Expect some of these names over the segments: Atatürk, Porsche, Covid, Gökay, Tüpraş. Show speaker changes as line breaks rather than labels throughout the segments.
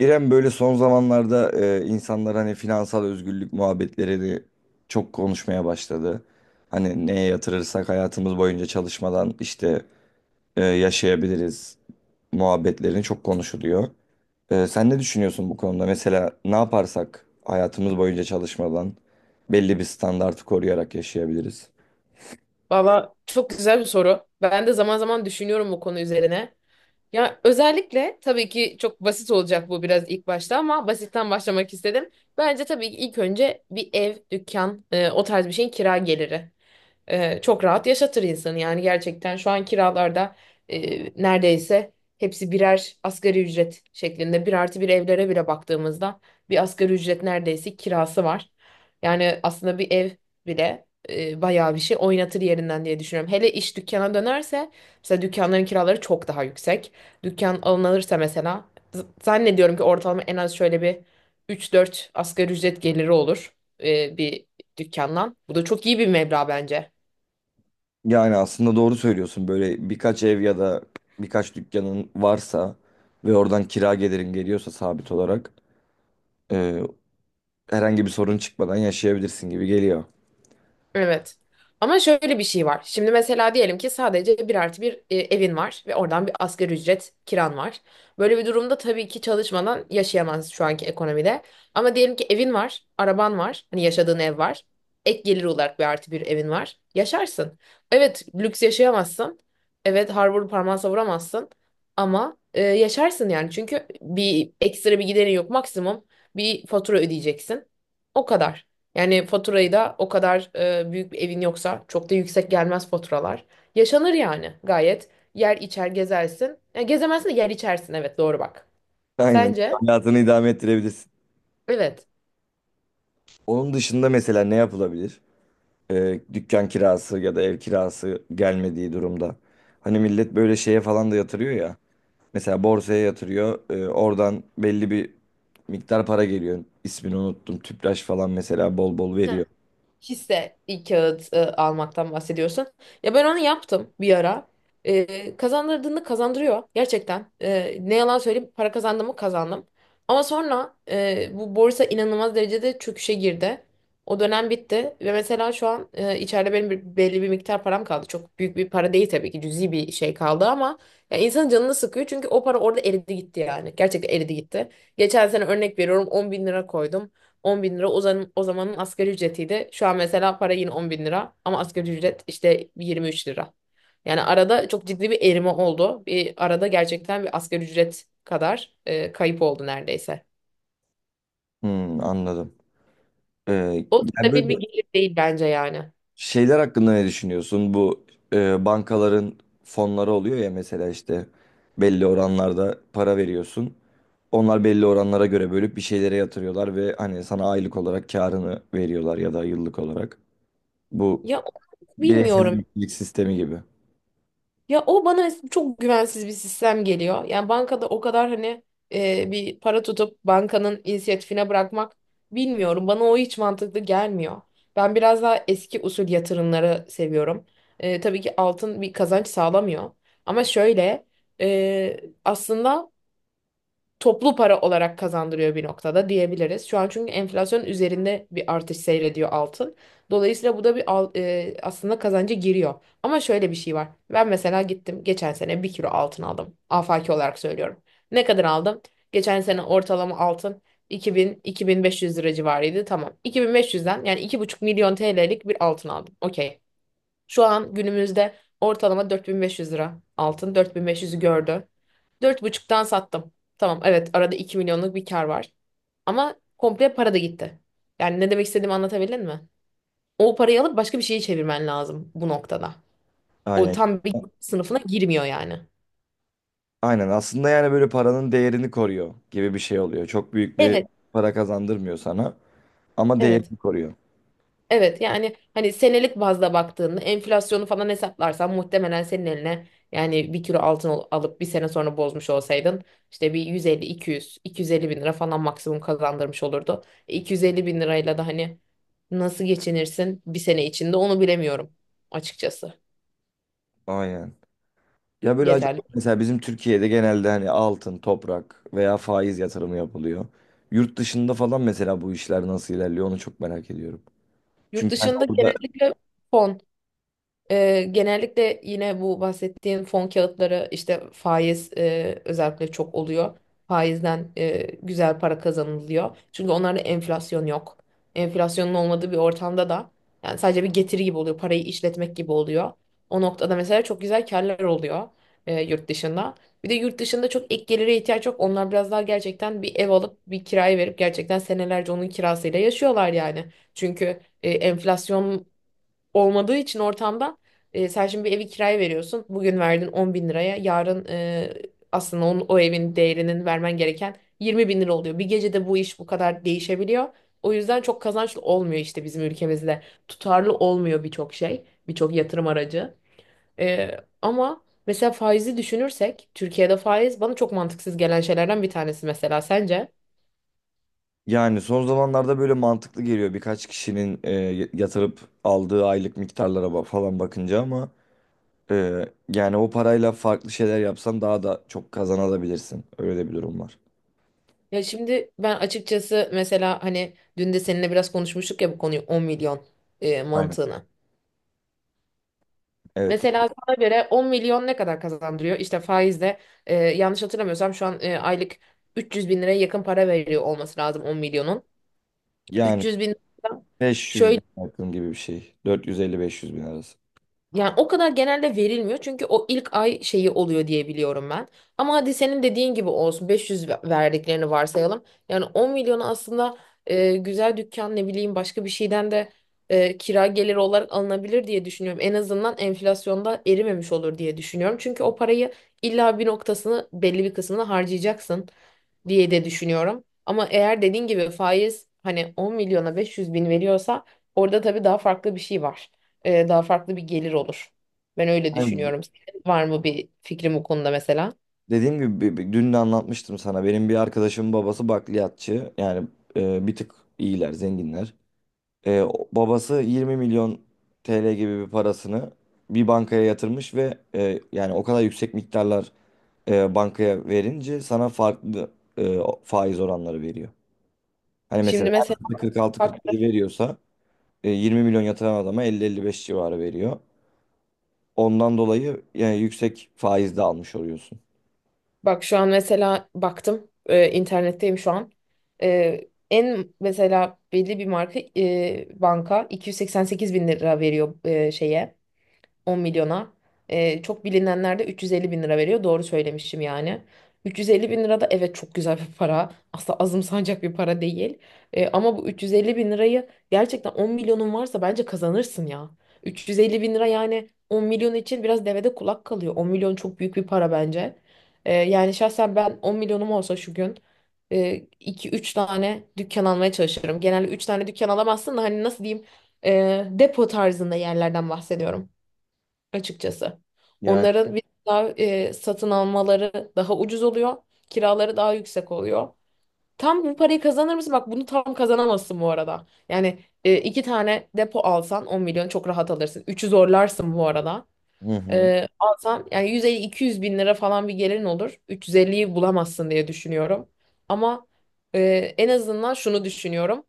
İrem, böyle son zamanlarda insanlar hani finansal özgürlük muhabbetlerini çok konuşmaya başladı. Hani neye yatırırsak hayatımız boyunca çalışmadan işte yaşayabiliriz muhabbetlerini çok konuşuluyor. Sen ne düşünüyorsun bu konuda? Mesela ne yaparsak hayatımız boyunca çalışmadan belli bir standartı koruyarak yaşayabiliriz.
Valla çok güzel bir soru. Ben de zaman zaman düşünüyorum bu konu üzerine. Ya özellikle tabii ki çok basit olacak bu biraz ilk başta ama basitten başlamak istedim. Bence tabii ki ilk önce bir ev, dükkan, o tarz bir şeyin kira geliri. Çok rahat yaşatır insanı yani gerçekten şu an kiralarda neredeyse hepsi birer asgari ücret şeklinde bir artı bir evlere bile baktığımızda bir asgari ücret neredeyse kirası var. Yani aslında bir ev bile bayağı bir şey oynatır yerinden diye düşünüyorum. Hele iş dükkana dönerse mesela dükkanların kiraları çok daha yüksek. Dükkan alınırsa mesela zannediyorum ki ortalama en az şöyle bir üç dört asgari ücret geliri olur bir dükkandan. Bu da çok iyi bir meblağ bence.
Yani aslında doğru söylüyorsun. Böyle birkaç ev ya da birkaç dükkanın varsa ve oradan kira gelirin geliyorsa sabit olarak, e, herhangi bir sorun çıkmadan yaşayabilirsin gibi geliyor.
Evet. Ama şöyle bir şey var. Şimdi mesela diyelim ki sadece bir artı bir evin var ve oradan bir asgari ücret kiran var. Böyle bir durumda tabii ki çalışmadan yaşayamazsın şu anki ekonomide. Ama diyelim ki evin var, araban var, hani yaşadığın ev var. Ek gelir olarak bir artı bir evin var. Yaşarsın. Evet, lüks yaşayamazsın. Evet, harbur parmağı savuramazsın. Ama yaşarsın yani. Çünkü bir ekstra bir giderin yok. Maksimum bir fatura ödeyeceksin. O kadar. Yani faturayı da o kadar büyük bir evin yoksa çok da yüksek gelmez faturalar. Yaşanır yani gayet. Yer içer gezersin. Yani gezemezsin de yer içersin, evet, doğru bak.
Aynen.
Sence?
Hayatını idame ettirebilirsin.
Evet.
Onun dışında mesela ne yapılabilir? Dükkan kirası ya da ev kirası gelmediği durumda. Hani millet böyle şeye falan da yatırıyor ya. Mesela borsaya yatırıyor. Oradan belli bir miktar para geliyor. İsmini unuttum. Tüpraş falan mesela bol bol veriyor.
Hisse bir kağıt almaktan bahsediyorsun. Ya ben onu yaptım bir ara. Kazandırdığını kazandırıyor gerçekten. Ne yalan söyleyeyim, para kazandım mı kazandım. Ama sonra bu borsa inanılmaz derecede çöküşe girdi. O dönem bitti ve mesela şu an içeride benim belli bir miktar param kaldı. Çok büyük bir para değil tabii ki, cüzi bir şey kaldı ama ya insanın canını sıkıyor çünkü o para orada eridi gitti yani. Gerçekten eridi gitti. Geçen sene örnek veriyorum 10 bin lira koydum. 10 bin lira o zaman, o zamanın asgari ücretiydi. Şu an mesela para yine 10 bin lira ama asgari ücret işte 23 lira. Yani arada çok ciddi bir erime oldu. Bir arada gerçekten bir asgari ücret kadar kayıp oldu neredeyse.
Hmm, anladım. Ee,
O
yani
stabil
böyle
bir gelir değil bence yani.
şeyler hakkında ne düşünüyorsun? Bu bankaların fonları oluyor ya mesela, işte belli oranlarda para veriyorsun. Onlar belli oranlara göre bölüp bir şeylere yatırıyorlar ve hani sana aylık olarak karını veriyorlar ya da yıllık olarak. Bu
Ya
bireysel
bilmiyorum.
emeklilik sistemi gibi.
Ya o bana çok güvensiz bir sistem geliyor. Yani bankada o kadar hani bir para tutup bankanın inisiyatifine bırakmak bilmiyorum. Bana o hiç mantıklı gelmiyor. Ben biraz daha eski usul yatırımları seviyorum. Tabii ki altın bir kazanç sağlamıyor. Ama şöyle e, aslında toplu para olarak kazandırıyor bir noktada diyebiliriz. Şu an çünkü enflasyon üzerinde bir artış seyrediyor altın. Dolayısıyla bu da bir aslında kazancı giriyor. Ama şöyle bir şey var. Ben mesela gittim geçen sene bir kilo altın aldım. Afaki olarak söylüyorum. Ne kadar aldım? Geçen sene ortalama altın 2000-2500 lira civarıydı. Tamam. 2500'den yani 2,5 milyon TL'lik bir altın aldım. Okey. Şu an günümüzde ortalama 4500 lira altın. 4500'ü gördü. 4,5'tan sattım. Tamam, evet, arada 2 milyonluk bir kar var. Ama komple para da gitti. Yani ne demek istediğimi anlatabildim mi? O parayı alıp başka bir şeye çevirmen lazım bu noktada. O
Aynen.
tam bir sınıfına girmiyor yani.
Aynen, aslında yani böyle paranın değerini koruyor gibi bir şey oluyor. Çok büyük bir
Evet,
para kazandırmıyor sana ama
evet.
değerini koruyor.
Evet, yani hani senelik bazda baktığında enflasyonu falan hesaplarsan muhtemelen senin eline yani bir kilo altın alıp bir sene sonra bozmuş olsaydın işte bir 150-200, 250 bin lira falan maksimum kazandırmış olurdu. 250 bin lirayla da hani nasıl geçinirsin bir sene içinde onu bilemiyorum açıkçası.
Aynen. Ya böyle acaba
Yeterli.
mesela bizim Türkiye'de genelde hani altın, toprak veya faiz yatırımı yapılıyor. Yurt dışında falan mesela bu işler nasıl ilerliyor onu çok merak ediyorum.
Yurt
Çünkü hani
dışında
orada
genellikle fon. Genellikle yine bu bahsettiğin fon kağıtları işte faiz özellikle çok oluyor. Faizden güzel para kazanılıyor. Çünkü onlarda enflasyon yok. Enflasyonun olmadığı bir ortamda da yani sadece bir getiri gibi oluyor. Parayı işletmek gibi oluyor. O noktada mesela çok güzel karlar oluyor yurt dışında. Bir de yurt dışında çok ek gelire ihtiyaç yok. Onlar biraz daha gerçekten bir ev alıp bir kiraya verip gerçekten senelerce onun kirasıyla yaşıyorlar yani. Çünkü enflasyon olmadığı için ortamda sen şimdi bir evi kiraya veriyorsun. Bugün verdin 10 bin liraya. Yarın aslında onun, o evin değerinin vermen gereken 20 bin lira oluyor. Bir gecede bu iş bu kadar değişebiliyor. O yüzden çok kazançlı olmuyor işte bizim ülkemizde. Tutarlı olmuyor birçok şey, birçok yatırım aracı. Ama mesela faizi düşünürsek Türkiye'de faiz bana çok mantıksız gelen şeylerden bir tanesi mesela, sence?
yani son zamanlarda böyle mantıklı geliyor birkaç kişinin yatırıp aldığı aylık miktarlara falan bakınca, ama e, yani o parayla farklı şeyler yapsan daha da çok kazanabilirsin. Öyle de bir durum var.
Ya şimdi ben açıkçası mesela hani dün de seninle biraz konuşmuştuk ya bu konuyu 10 milyon
Aynen.
mantığını.
Evet.
Mesela sana göre 10 milyon ne kadar kazandırıyor? İşte faizle yanlış hatırlamıyorsam şu an aylık 300 bin liraya yakın para veriyor olması lazım 10 milyonun.
Yani
300 bin lira.
500
Şöyle.
bin yakın gibi bir şey. 450-500 bin arası.
Yani o kadar genelde verilmiyor çünkü o ilk ay şeyi oluyor diye biliyorum ben. Ama hadi senin dediğin gibi olsun 500 verdiklerini varsayalım. Yani 10 milyonu aslında güzel dükkan ne bileyim başka bir şeyden de kira geliri olarak alınabilir diye düşünüyorum. En azından enflasyonda erimemiş olur diye düşünüyorum. Çünkü o parayı illa bir noktasını belli bir kısmını harcayacaksın diye de düşünüyorum. Ama eğer dediğin gibi faiz hani 10 milyona 500 bin veriyorsa orada tabii daha farklı bir şey var. Daha farklı bir gelir olur. Ben öyle düşünüyorum. Senin var mı bir fikrim bu konuda mesela?
Dediğim gibi, dün de anlatmıştım sana. Benim bir arkadaşımın babası bakliyatçı. Yani bir tık iyiler, zenginler. Babası 20 milyon TL gibi bir parasını bir bankaya yatırmış ve yani o kadar yüksek miktarlar bankaya verince sana farklı faiz oranları veriyor. Hani mesela
Şimdi mesela
her
bak.
46-47 veriyorsa 20 milyon yatıran adama 50-55 civarı veriyor. Ondan dolayı yani yüksek faiz de almış oluyorsun.
Bak şu an mesela baktım, internetteyim şu an. E, en mesela belli bir marka banka 288 bin lira veriyor şeye 10 milyona. Çok bilinenler de 350 bin lira veriyor. Doğru söylemişim yani. 350 bin lira da evet çok güzel bir para. Asla azımsanacak bir para değil. Ama bu 350 bin lirayı gerçekten 10 milyonun varsa bence kazanırsın ya. 350 bin lira yani 10 milyon için biraz devede kulak kalıyor. 10 milyon çok büyük bir para bence. Yani şahsen ben 10 milyonum olsa şu gün iki üç tane dükkan almaya çalışırım. Genelde 3 tane dükkan alamazsın da hani nasıl diyeyim depo tarzında yerlerden bahsediyorum açıkçası.
Yani,
Onların bir daha satın almaları daha ucuz oluyor. Kiraları daha yüksek oluyor. Tam bu parayı kazanır mısın? Bak, bunu tam kazanamazsın bu arada. Yani iki tane depo alsan 10 milyon çok rahat alırsın. Üçü zorlarsın bu arada.
hı hı.
Alsan yani 150-200 bin lira falan bir gelirin olur. 350'yi bulamazsın diye düşünüyorum. Ama e, en azından şunu düşünüyorum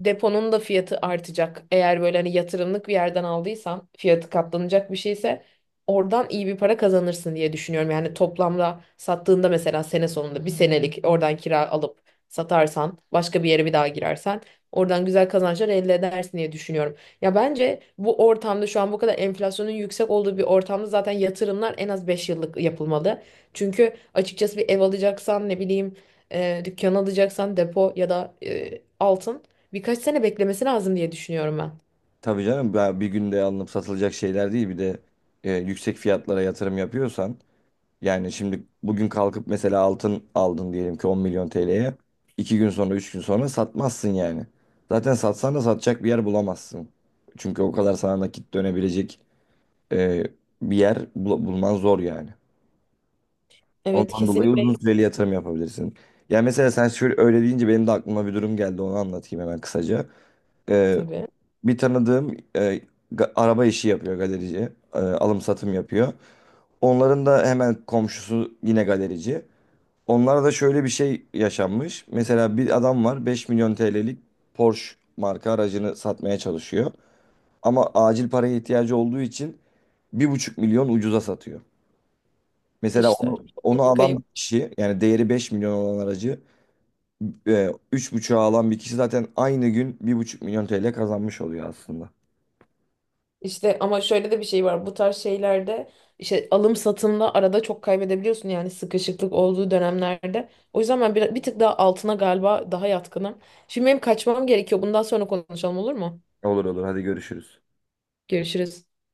deponun da fiyatı artacak. Eğer böyle hani yatırımlık bir yerden aldıysan fiyatı katlanacak bir şeyse oradan iyi bir para kazanırsın diye düşünüyorum. Yani toplamda sattığında mesela sene sonunda bir senelik oradan kira alıp satarsan başka bir yere bir daha girersen oradan güzel kazançlar elde edersin diye düşünüyorum. Ya bence bu ortamda şu an bu kadar enflasyonun yüksek olduğu bir ortamda zaten yatırımlar en az 5 yıllık yapılmalı. Çünkü açıkçası bir ev alacaksan ne bileyim dükkan alacaksan depo ya da altın. Birkaç sene beklemesi lazım diye düşünüyorum ben.
Tabii canım, bir günde alınıp satılacak şeyler değil. Bir de yüksek fiyatlara yatırım yapıyorsan, yani şimdi bugün kalkıp mesela altın aldın diyelim ki 10 milyon TL'ye. İki gün sonra, 3 gün sonra satmazsın yani. Zaten satsan da satacak bir yer bulamazsın. Çünkü o kadar sana nakit dönebilecek e, bir yer bulman zor yani.
Evet,
Ondan dolayı
kesinlikle,
uzun süreli yatırım yapabilirsin. Ya mesela sen şöyle öyle deyince benim de aklıma bir durum geldi, onu anlatayım hemen kısaca. E,
tabii.
Bir tanıdığım araba işi yapıyor, galerici. Alım satım yapıyor. Onların da hemen komşusu yine galerici. Onlarda da şöyle bir şey yaşanmış. Mesela bir adam var, 5 milyon TL'lik Porsche marka aracını satmaya çalışıyor. Ama acil paraya ihtiyacı olduğu için bir buçuk milyon ucuza satıyor. Mesela
İşte
onu,
çok büyük bir
alan bir
kayıp.
kişi, yani değeri 5 milyon olan aracı e, 3,5'a alan bir kişi zaten aynı gün bir buçuk milyon TL kazanmış oluyor aslında.
İşte ama şöyle de bir şey var. Bu tarz şeylerde işte alım satımda arada çok kaybedebiliyorsun yani sıkışıklık olduğu dönemlerde. O yüzden ben bir tık daha altına galiba daha yatkınım. Şimdi benim kaçmam gerekiyor. Bundan sonra konuşalım, olur mu?
Olur olur, hadi görüşürüz.
Görüşürüz.